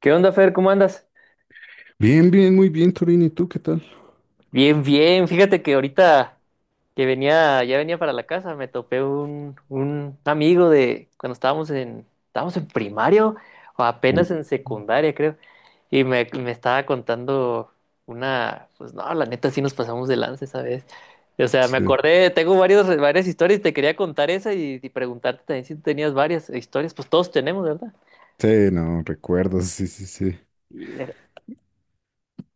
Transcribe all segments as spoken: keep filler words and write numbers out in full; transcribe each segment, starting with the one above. ¿Qué onda, Fer? ¿Cómo andas? Bien, bien, muy bien, Torín. ¿Y tú qué tal? Bien, bien. Fíjate que ahorita que venía, ya venía para la casa, me topé un, un amigo de cuando estábamos en, estábamos en primario o Uh, apenas en secundaria, creo. Y me, me estaba contando una, pues no, la neta sí nos pasamos de lanza esa vez. O sea, me Sí, acordé, tengo varios, varias historias, te quería contar esa y, y preguntarte también si tú tenías varias historias, pues todos tenemos, ¿verdad? sí, no, recuerdo, sí, sí, sí. Y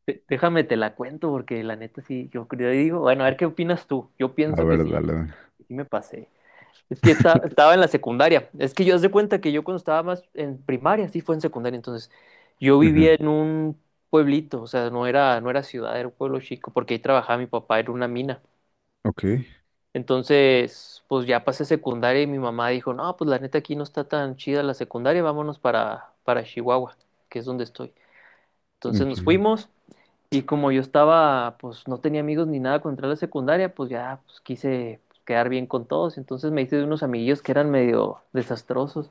De- Déjame te la cuento porque la neta sí, yo creo, y digo, bueno, a ver qué opinas tú. Yo A pienso que ver, sí, dale, dale. que sí me pasé. Es que esta- estaba en la secundaria. Es que yo haz de cuenta que yo cuando estaba más en primaria, sí fue en secundaria, entonces yo Ujú. vivía en un pueblito, o sea, no era, no era ciudad, era un pueblo chico, porque ahí trabajaba mi papá, era una mina. Ok, Entonces, pues ya pasé secundaria y mi mamá dijo, no, pues la neta aquí no está tan chida la secundaria, vámonos para, para Chihuahua, que es donde estoy. Entonces nos ok. fuimos. Y como yo estaba, pues no tenía amigos ni nada contra la secundaria, pues ya pues, quise pues, quedar bien con todos. Entonces me hice de unos amiguillos que eran medio desastrosos.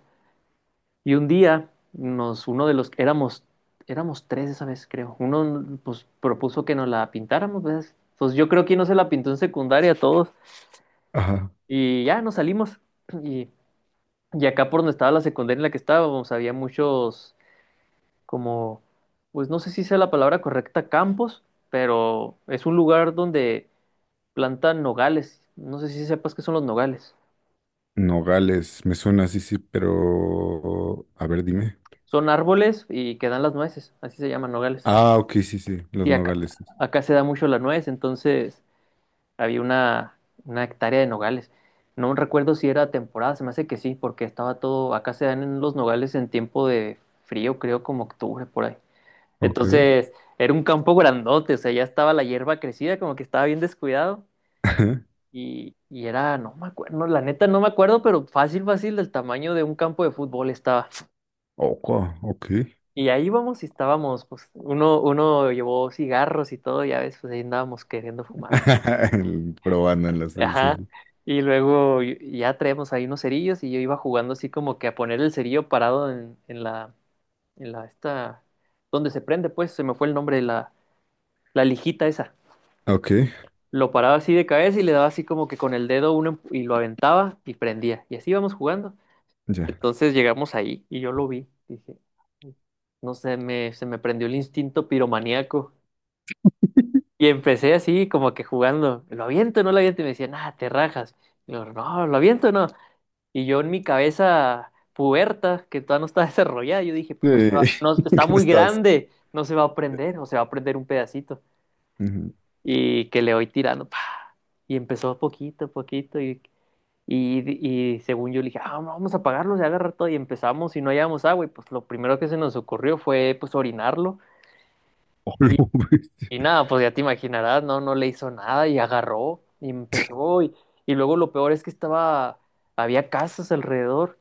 Y un día, nos, uno de los, éramos, éramos tres esa vez, creo. Uno, pues, propuso que nos la pintáramos, ¿ves? Pues yo creo que no se la pintó en secundaria a todos. Ajá. Y ya nos salimos. Y, y acá por donde estaba la secundaria en la que estábamos, había muchos, como, pues no sé si sea la palabra correcta, campos, pero es un lugar donde plantan nogales. No sé si sepas qué son los nogales. Nogales, me suena, sí, sí, pero... A ver, dime. Son árboles y que dan las nueces, así se llaman nogales. Ah, ok, sí, sí, los Sí, acá, nogales, sí. acá se da mucho la nuez, entonces había una, una hectárea de nogales. No recuerdo si era temporada, se me hace que sí, porque estaba todo, acá se dan en los nogales en tiempo de frío, creo como octubre por ahí. Ok. Entonces, era un campo grandote, o sea, ya estaba la hierba crecida, como que estaba bien descuidado. Y, y era, no me acuerdo, no, la neta no me acuerdo, pero fácil, fácil, del tamaño de un campo de fútbol estaba. Oco, ok. Y ahí íbamos y estábamos, pues, uno, uno llevó cigarros y todo, ya ves, pues ahí andábamos queriendo fumar. y- Probándolas, sí, sí, Ajá. sí. Y luego y- ya traíamos ahí unos cerillos y yo iba jugando así como que a poner el cerillo parado en, en la, en la, esta, donde se prende, pues, se me fue el nombre de la, la lijita esa. Ok, Lo paraba así de cabeza y le daba así como que con el dedo uno empu- y lo aventaba y prendía. Y así íbamos jugando. ya. Entonces llegamos ahí y yo lo vi. Dije, no sé, me, se me prendió el instinto piromaníaco. Y empecé así, como que jugando, ¿lo aviento o no lo aviento? Y me decían, ah, te rajas. Y yo, no, ¿lo aviento o no? Y yo en mi cabeza puberta, que todavía no está desarrollada, yo dije, Sí, pues no se va, no, está ¿qué no muy estabas? grande, no se va a prender, o se va a prender un pedacito. Ujú. Y que le voy tirando, pa. Y empezó poquito a poquito, y, y, y según yo le dije, ah, no, vamos a apagarlo, se va a agarrar todo, y empezamos, y no hallábamos agua, y pues lo primero que se nos ocurrió fue, pues, orinarlo. Oh. Y nada, pues ya te imaginarás, no, no le hizo nada y agarró y empezó y, y luego lo peor es que estaba, había casas alrededor,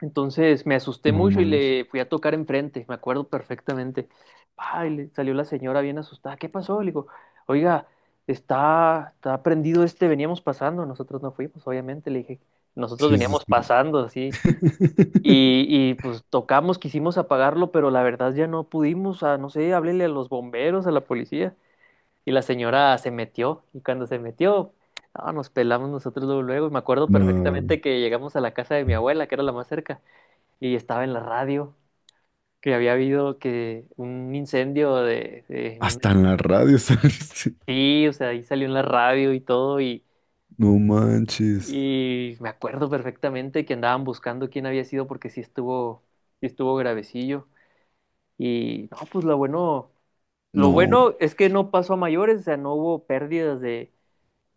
entonces me asusté No mucho y manches. le fui a tocar enfrente, me acuerdo perfectamente. Ay, le salió la señora bien asustada, ¿qué pasó? Le digo, oiga, está, está prendido este, veníamos pasando, nosotros no fuimos, obviamente, le dije, nosotros Sí, sí, veníamos sí. pasando así. Y, y pues tocamos, quisimos apagarlo, pero la verdad ya no pudimos, ah, no sé, háblele a los bomberos, a la policía. Y la señora se metió, y cuando se metió, no, nos pelamos nosotros luego, luego. Y me acuerdo No, perfectamente que llegamos a la casa de mi abuela, que era la más cerca, y estaba en la radio, que había habido que un incendio de, de- en un... hasta en la radio saliste. Sí, o sea, ahí salió en la radio y todo, y, No manches. y me acuerdo perfectamente que andaban buscando quién había sido porque sí estuvo, sí estuvo gravecillo. Y no, pues lo bueno, lo No, bueno es que no pasó a mayores, o sea, no hubo pérdidas de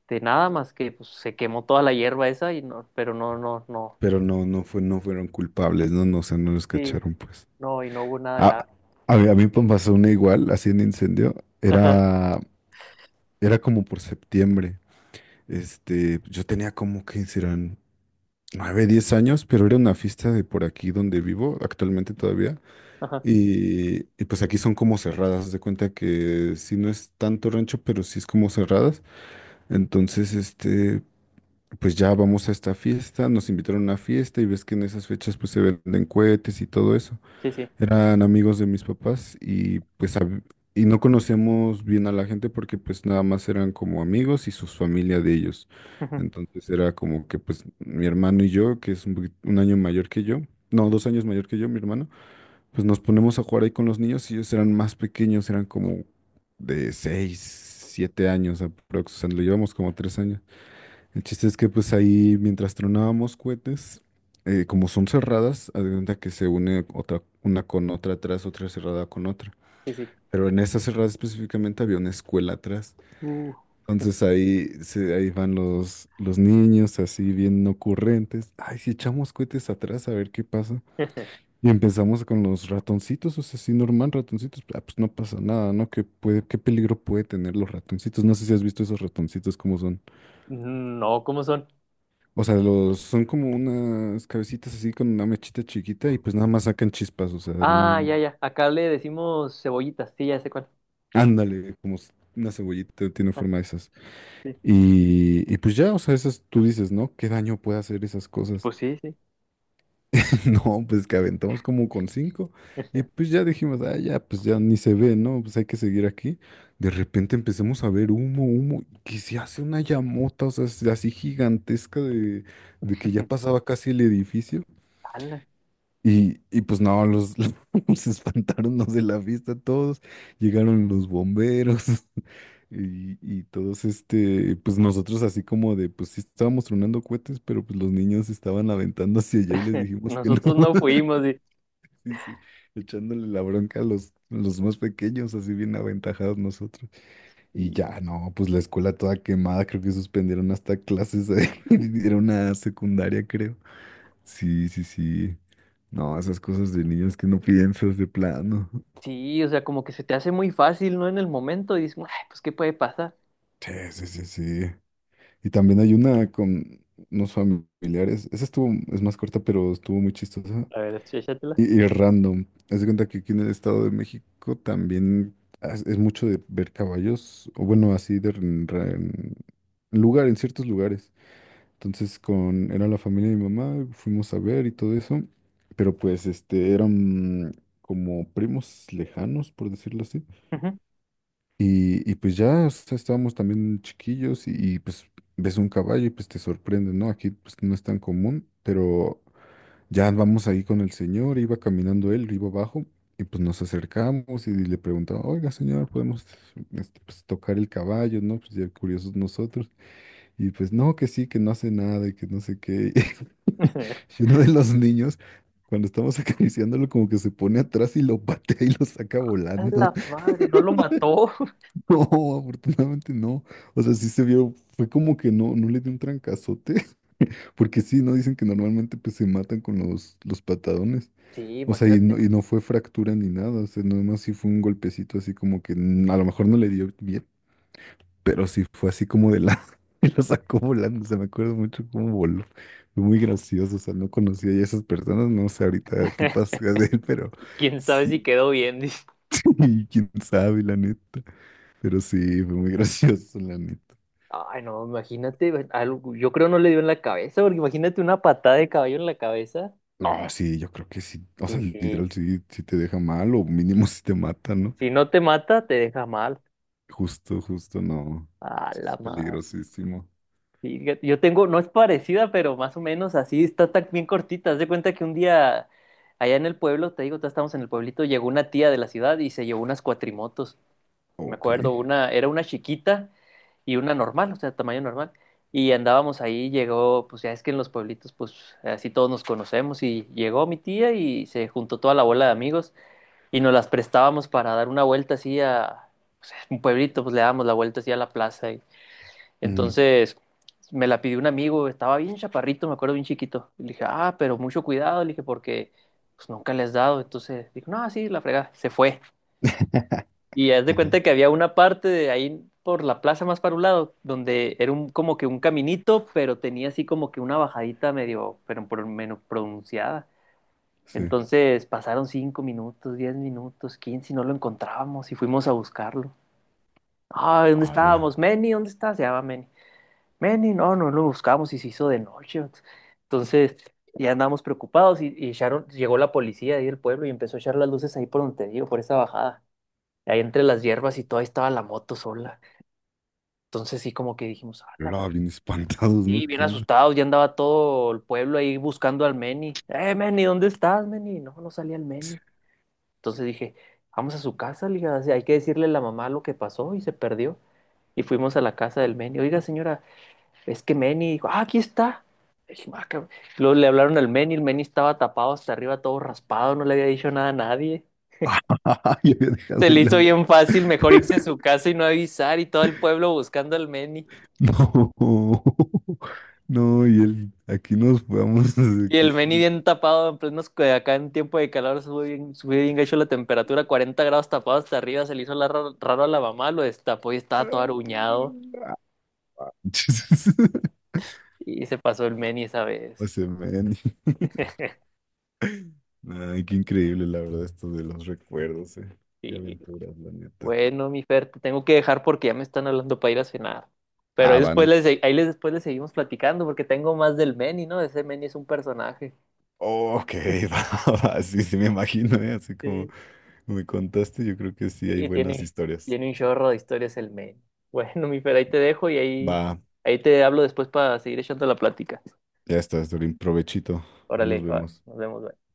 de nada más que pues, se quemó toda la hierba esa y no, pero no, no, no, pero no, no fue, no fueron culpables, no, no, o sea, no los sí, cacharon, pues. no, y no hubo nada grave. A, a mí, a mí me pasó una igual, así en incendio. Ajá, Era, era como por septiembre. Este, yo tenía como que serán nueve, diez años, pero era una fiesta de por aquí donde vivo, actualmente todavía. ajá, Y, y pues aquí son como cerradas, haz de cuenta que si no es tanto rancho, pero sí es como cerradas. Entonces, este, pues ya vamos a esta fiesta, nos invitaron a una fiesta y ves que en esas fechas pues se venden cohetes y todo eso. sí, sí, Eran amigos de mis papás y pues hab- y no conocemos bien a la gente porque pues nada más eran como amigos y sus familias de ellos. ujú, Entonces era como que pues mi hermano y yo, que es un, poquit- un año mayor que yo, no, dos años mayor que yo, mi hermano, pues nos ponemos a jugar ahí con los niños y ellos eran más pequeños, eran como de seis, siete años aproximadamente, o sea, lo llevamos como tres años. El chiste es que pues ahí mientras tronábamos cohetes, eh, como son cerradas, haz de cuenta que se une otra, una con otra atrás, otra cerrada con otra. sí, sí. Pero en esa cerrada específicamente había una escuela atrás. Uh. Entonces ahí, se, ahí van los, los niños así bien ocurrentes. Ay, si echamos cohetes atrás a ver qué pasa. Y empezamos con los ratoncitos, o sea, así normal, ratoncitos. Ah, pues no pasa nada, ¿no? ¿Qué puede, qué peligro puede tener los ratoncitos? No sé si has visto esos ratoncitos, cómo son. No, ¿cómo son? O sea, los, son como unas cabecitas así con una mechita chiquita y pues nada más sacan chispas, o sea, Ah, no, ya, ya, acá le decimos cebollitas, sí, ya sé cuál. ándale, como s- una cebollita tiene forma de esas. Sí. Y, y pues ya, o sea, esas tú dices, ¿no? ¿Qué daño puede hacer esas cosas? Pues sí, sí. No, pues que aventamos como con cinco y pues ya dijimos, ah, ya, pues ya ni se ve, ¿no? Pues hay que seguir aquí. De repente empezamos a ver humo, humo, que se hace una llamota, o sea, así gigantesca de, de que ya pasaba casi el edificio. Ala. Y, y pues no, los, los espantaron los de la fiesta todos, llegaron los bomberos y, y todos este, pues nosotros así como de, pues sí estábamos tronando cohetes, pero pues los niños estaban aventando hacia allá y les dijimos que no. Nosotros no fuimos y, Sí, sí, echándole la bronca a los, a los más pequeños, así bien aventajados nosotros. Y ya, y- no, pues la escuela toda quemada, creo que suspendieron hasta clases ahí, era una secundaria, creo. Sí, sí, sí. No, esas cosas de niños que no piensas de plano. sí, o sea, como que se te hace muy fácil, ¿no? En el momento y dices, "Ay, pues, ¿qué puede pasar? Sí, sí, sí, sí. Y también hay una con unos familiares. Esa estuvo, es más corta, pero estuvo muy chistosa. A ver, échatela. Y, y random. Haz de cuenta que aquí en el Estado de México también es, es mucho de ver caballos, o bueno, así de en- en lugar, en ciertos lugares. Entonces con, era la familia de mi mamá, fuimos a ver y todo eso, pero pues este, eran como primos lejanos, por decirlo así. Ujú. Y, y pues ya, o sea, estábamos también chiquillos y, y, pues ves un caballo y pues te sorprende, ¿no? Aquí pues no es tan común, pero ya vamos ahí con el señor, iba caminando él, iba abajo y pues nos acercamos y le preguntaba, oiga señor, ¿podemos este, pues, tocar el caballo, ¿no? Pues ya curiosos nosotros. Y pues no, que sí, que no hace nada y que no sé qué. Y uno de los niños, cuando estamos acariciándolo, como que se pone atrás y lo patea y lo saca A volando. la madre, no lo mató. No, afortunadamente no. O sea, sí se vio, fue como que no, no le dio un trancazote, porque sí, no dicen que normalmente pues se matan con los, los patadones. Sí, O sea, y no, imagínate. y no fue fractura ni nada, o sea, nada más sí fue un golpecito así como que mm, a lo mejor no le dio bien, pero sí fue así como de la... Y lo sacó volando, o sea, me acuerdo mucho cómo voló. Fue muy gracioso, o sea, no conocía ya a esas personas, no sé ahorita qué pasa de él, pero Quién sabe sí, si quedó bien. Dice. y quién sabe, la neta. Pero sí, fue muy gracioso, la neta. Ay, no, imagínate, algo, yo creo no le dio en la cabeza, porque imagínate una patada de caballo en la cabeza No, sí, yo creo que sí, o sea, y, y literal sí, sí te deja mal o mínimo sí te mata, ¿no? si no te mata, te deja mal. Justo, justo, no. A Sí, la es madre. peligrosísimo. Fíjate, yo tengo, no es parecida, pero más o menos así, está tan bien cortita. Haz de cuenta que un día allá en el pueblo, te digo, ya estamos en el pueblito, llegó una tía de la ciudad y se llevó unas cuatrimotos. Me Ok. acuerdo, una, era una chiquita y una normal, o sea, tamaño normal. Y andábamos ahí, llegó, pues ya es que en los pueblitos, pues así todos nos conocemos y llegó mi tía y se juntó toda la bola de amigos y nos las prestábamos para dar una vuelta así a un pueblito, pues le dábamos la vuelta así a la plaza. y- Mm. Entonces me la pidió un amigo, estaba bien chaparrito, me acuerdo bien chiquito. Y le dije, ah, pero mucho cuidado, le dije, porque pues nunca le has dado. Entonces dijo, no, sí, la fregada, se fue. Y haz de Ajá, cuenta que había una parte de ahí por la plaza más para un lado, donde era un, como que un caminito, pero tenía así como que una bajadita medio, pero por menos pronunciada. sí. Entonces pasaron cinco minutos, diez minutos, quince y no lo encontrábamos y fuimos a buscarlo. Ah, ¿dónde Ala, estábamos? Meni, ¿dónde está? Se llama Meni. Meni, no, no lo buscamos y se hizo de noche. Entonces ya andábamos preocupados y, y echaron- llegó la policía ahí del pueblo y empezó a echar las luces ahí por donde te digo, por esa bajada. Ahí entre las hierbas y todo, ahí estaba la moto sola. Entonces sí como que dijimos, ah, la la, fre-". bien espantados, Y ¿no? bien ¿Qué onda? asustados, ya andaba todo el pueblo ahí buscando al Meni. Eh, Meni, ¿dónde estás, Meni? No, no salía el Meni. Entonces dije, vamos a su casa, le dije, "así hay que decirle a la mamá lo que pasó y se perdió. Y fuimos a la casa del Meni. Oiga, señora, es que Meni dijo, ah, aquí está. Le dije, "Ah, cabrón". Luego le hablaron al Meni, el Meni estaba tapado hasta arriba, todo raspado, no le había dicho nada a nadie. Ah, yo había dejado Se ahí le hizo la... bien fácil mejor irse a su casa y no avisar y todo el pueblo buscando al Meni. No, no, y él, aquí nos vamos, Y aquí... el es- Meni bien tapado, en plenos, que acá en tiempo de calor sube bien, sube bien gacho la temperatura, cuarenta grados tapado hasta arriba, se le hizo la- raro a la mamá, lo destapó y estaba todo aruñado. Y se pasó el Meni esa O vez. sea, man. Ay, qué increíble, la verdad, esto de los recuerdos, eh. Qué Y aventuras, la neta. bueno, mi Fer, te tengo que dejar porque ya me están hablando para ir a cenar. Pero ahí Ah, después van. les, ahí les, después les seguimos platicando porque tengo más del Meni, ¿no? Ese Meni es un personaje. Ok, va, va, sí, sí me imagino, eh. Así como Sí. me contaste, yo creo que sí hay Sí, buenas tiene, historias. tiene un chorro de historias el men. Bueno, mi Fer, ahí te dejo y ahí, Va, ahí te hablo después para seguir echando la plática. ya está, Dorín, provechito. Nos Órale, va, vemos. nos vemos.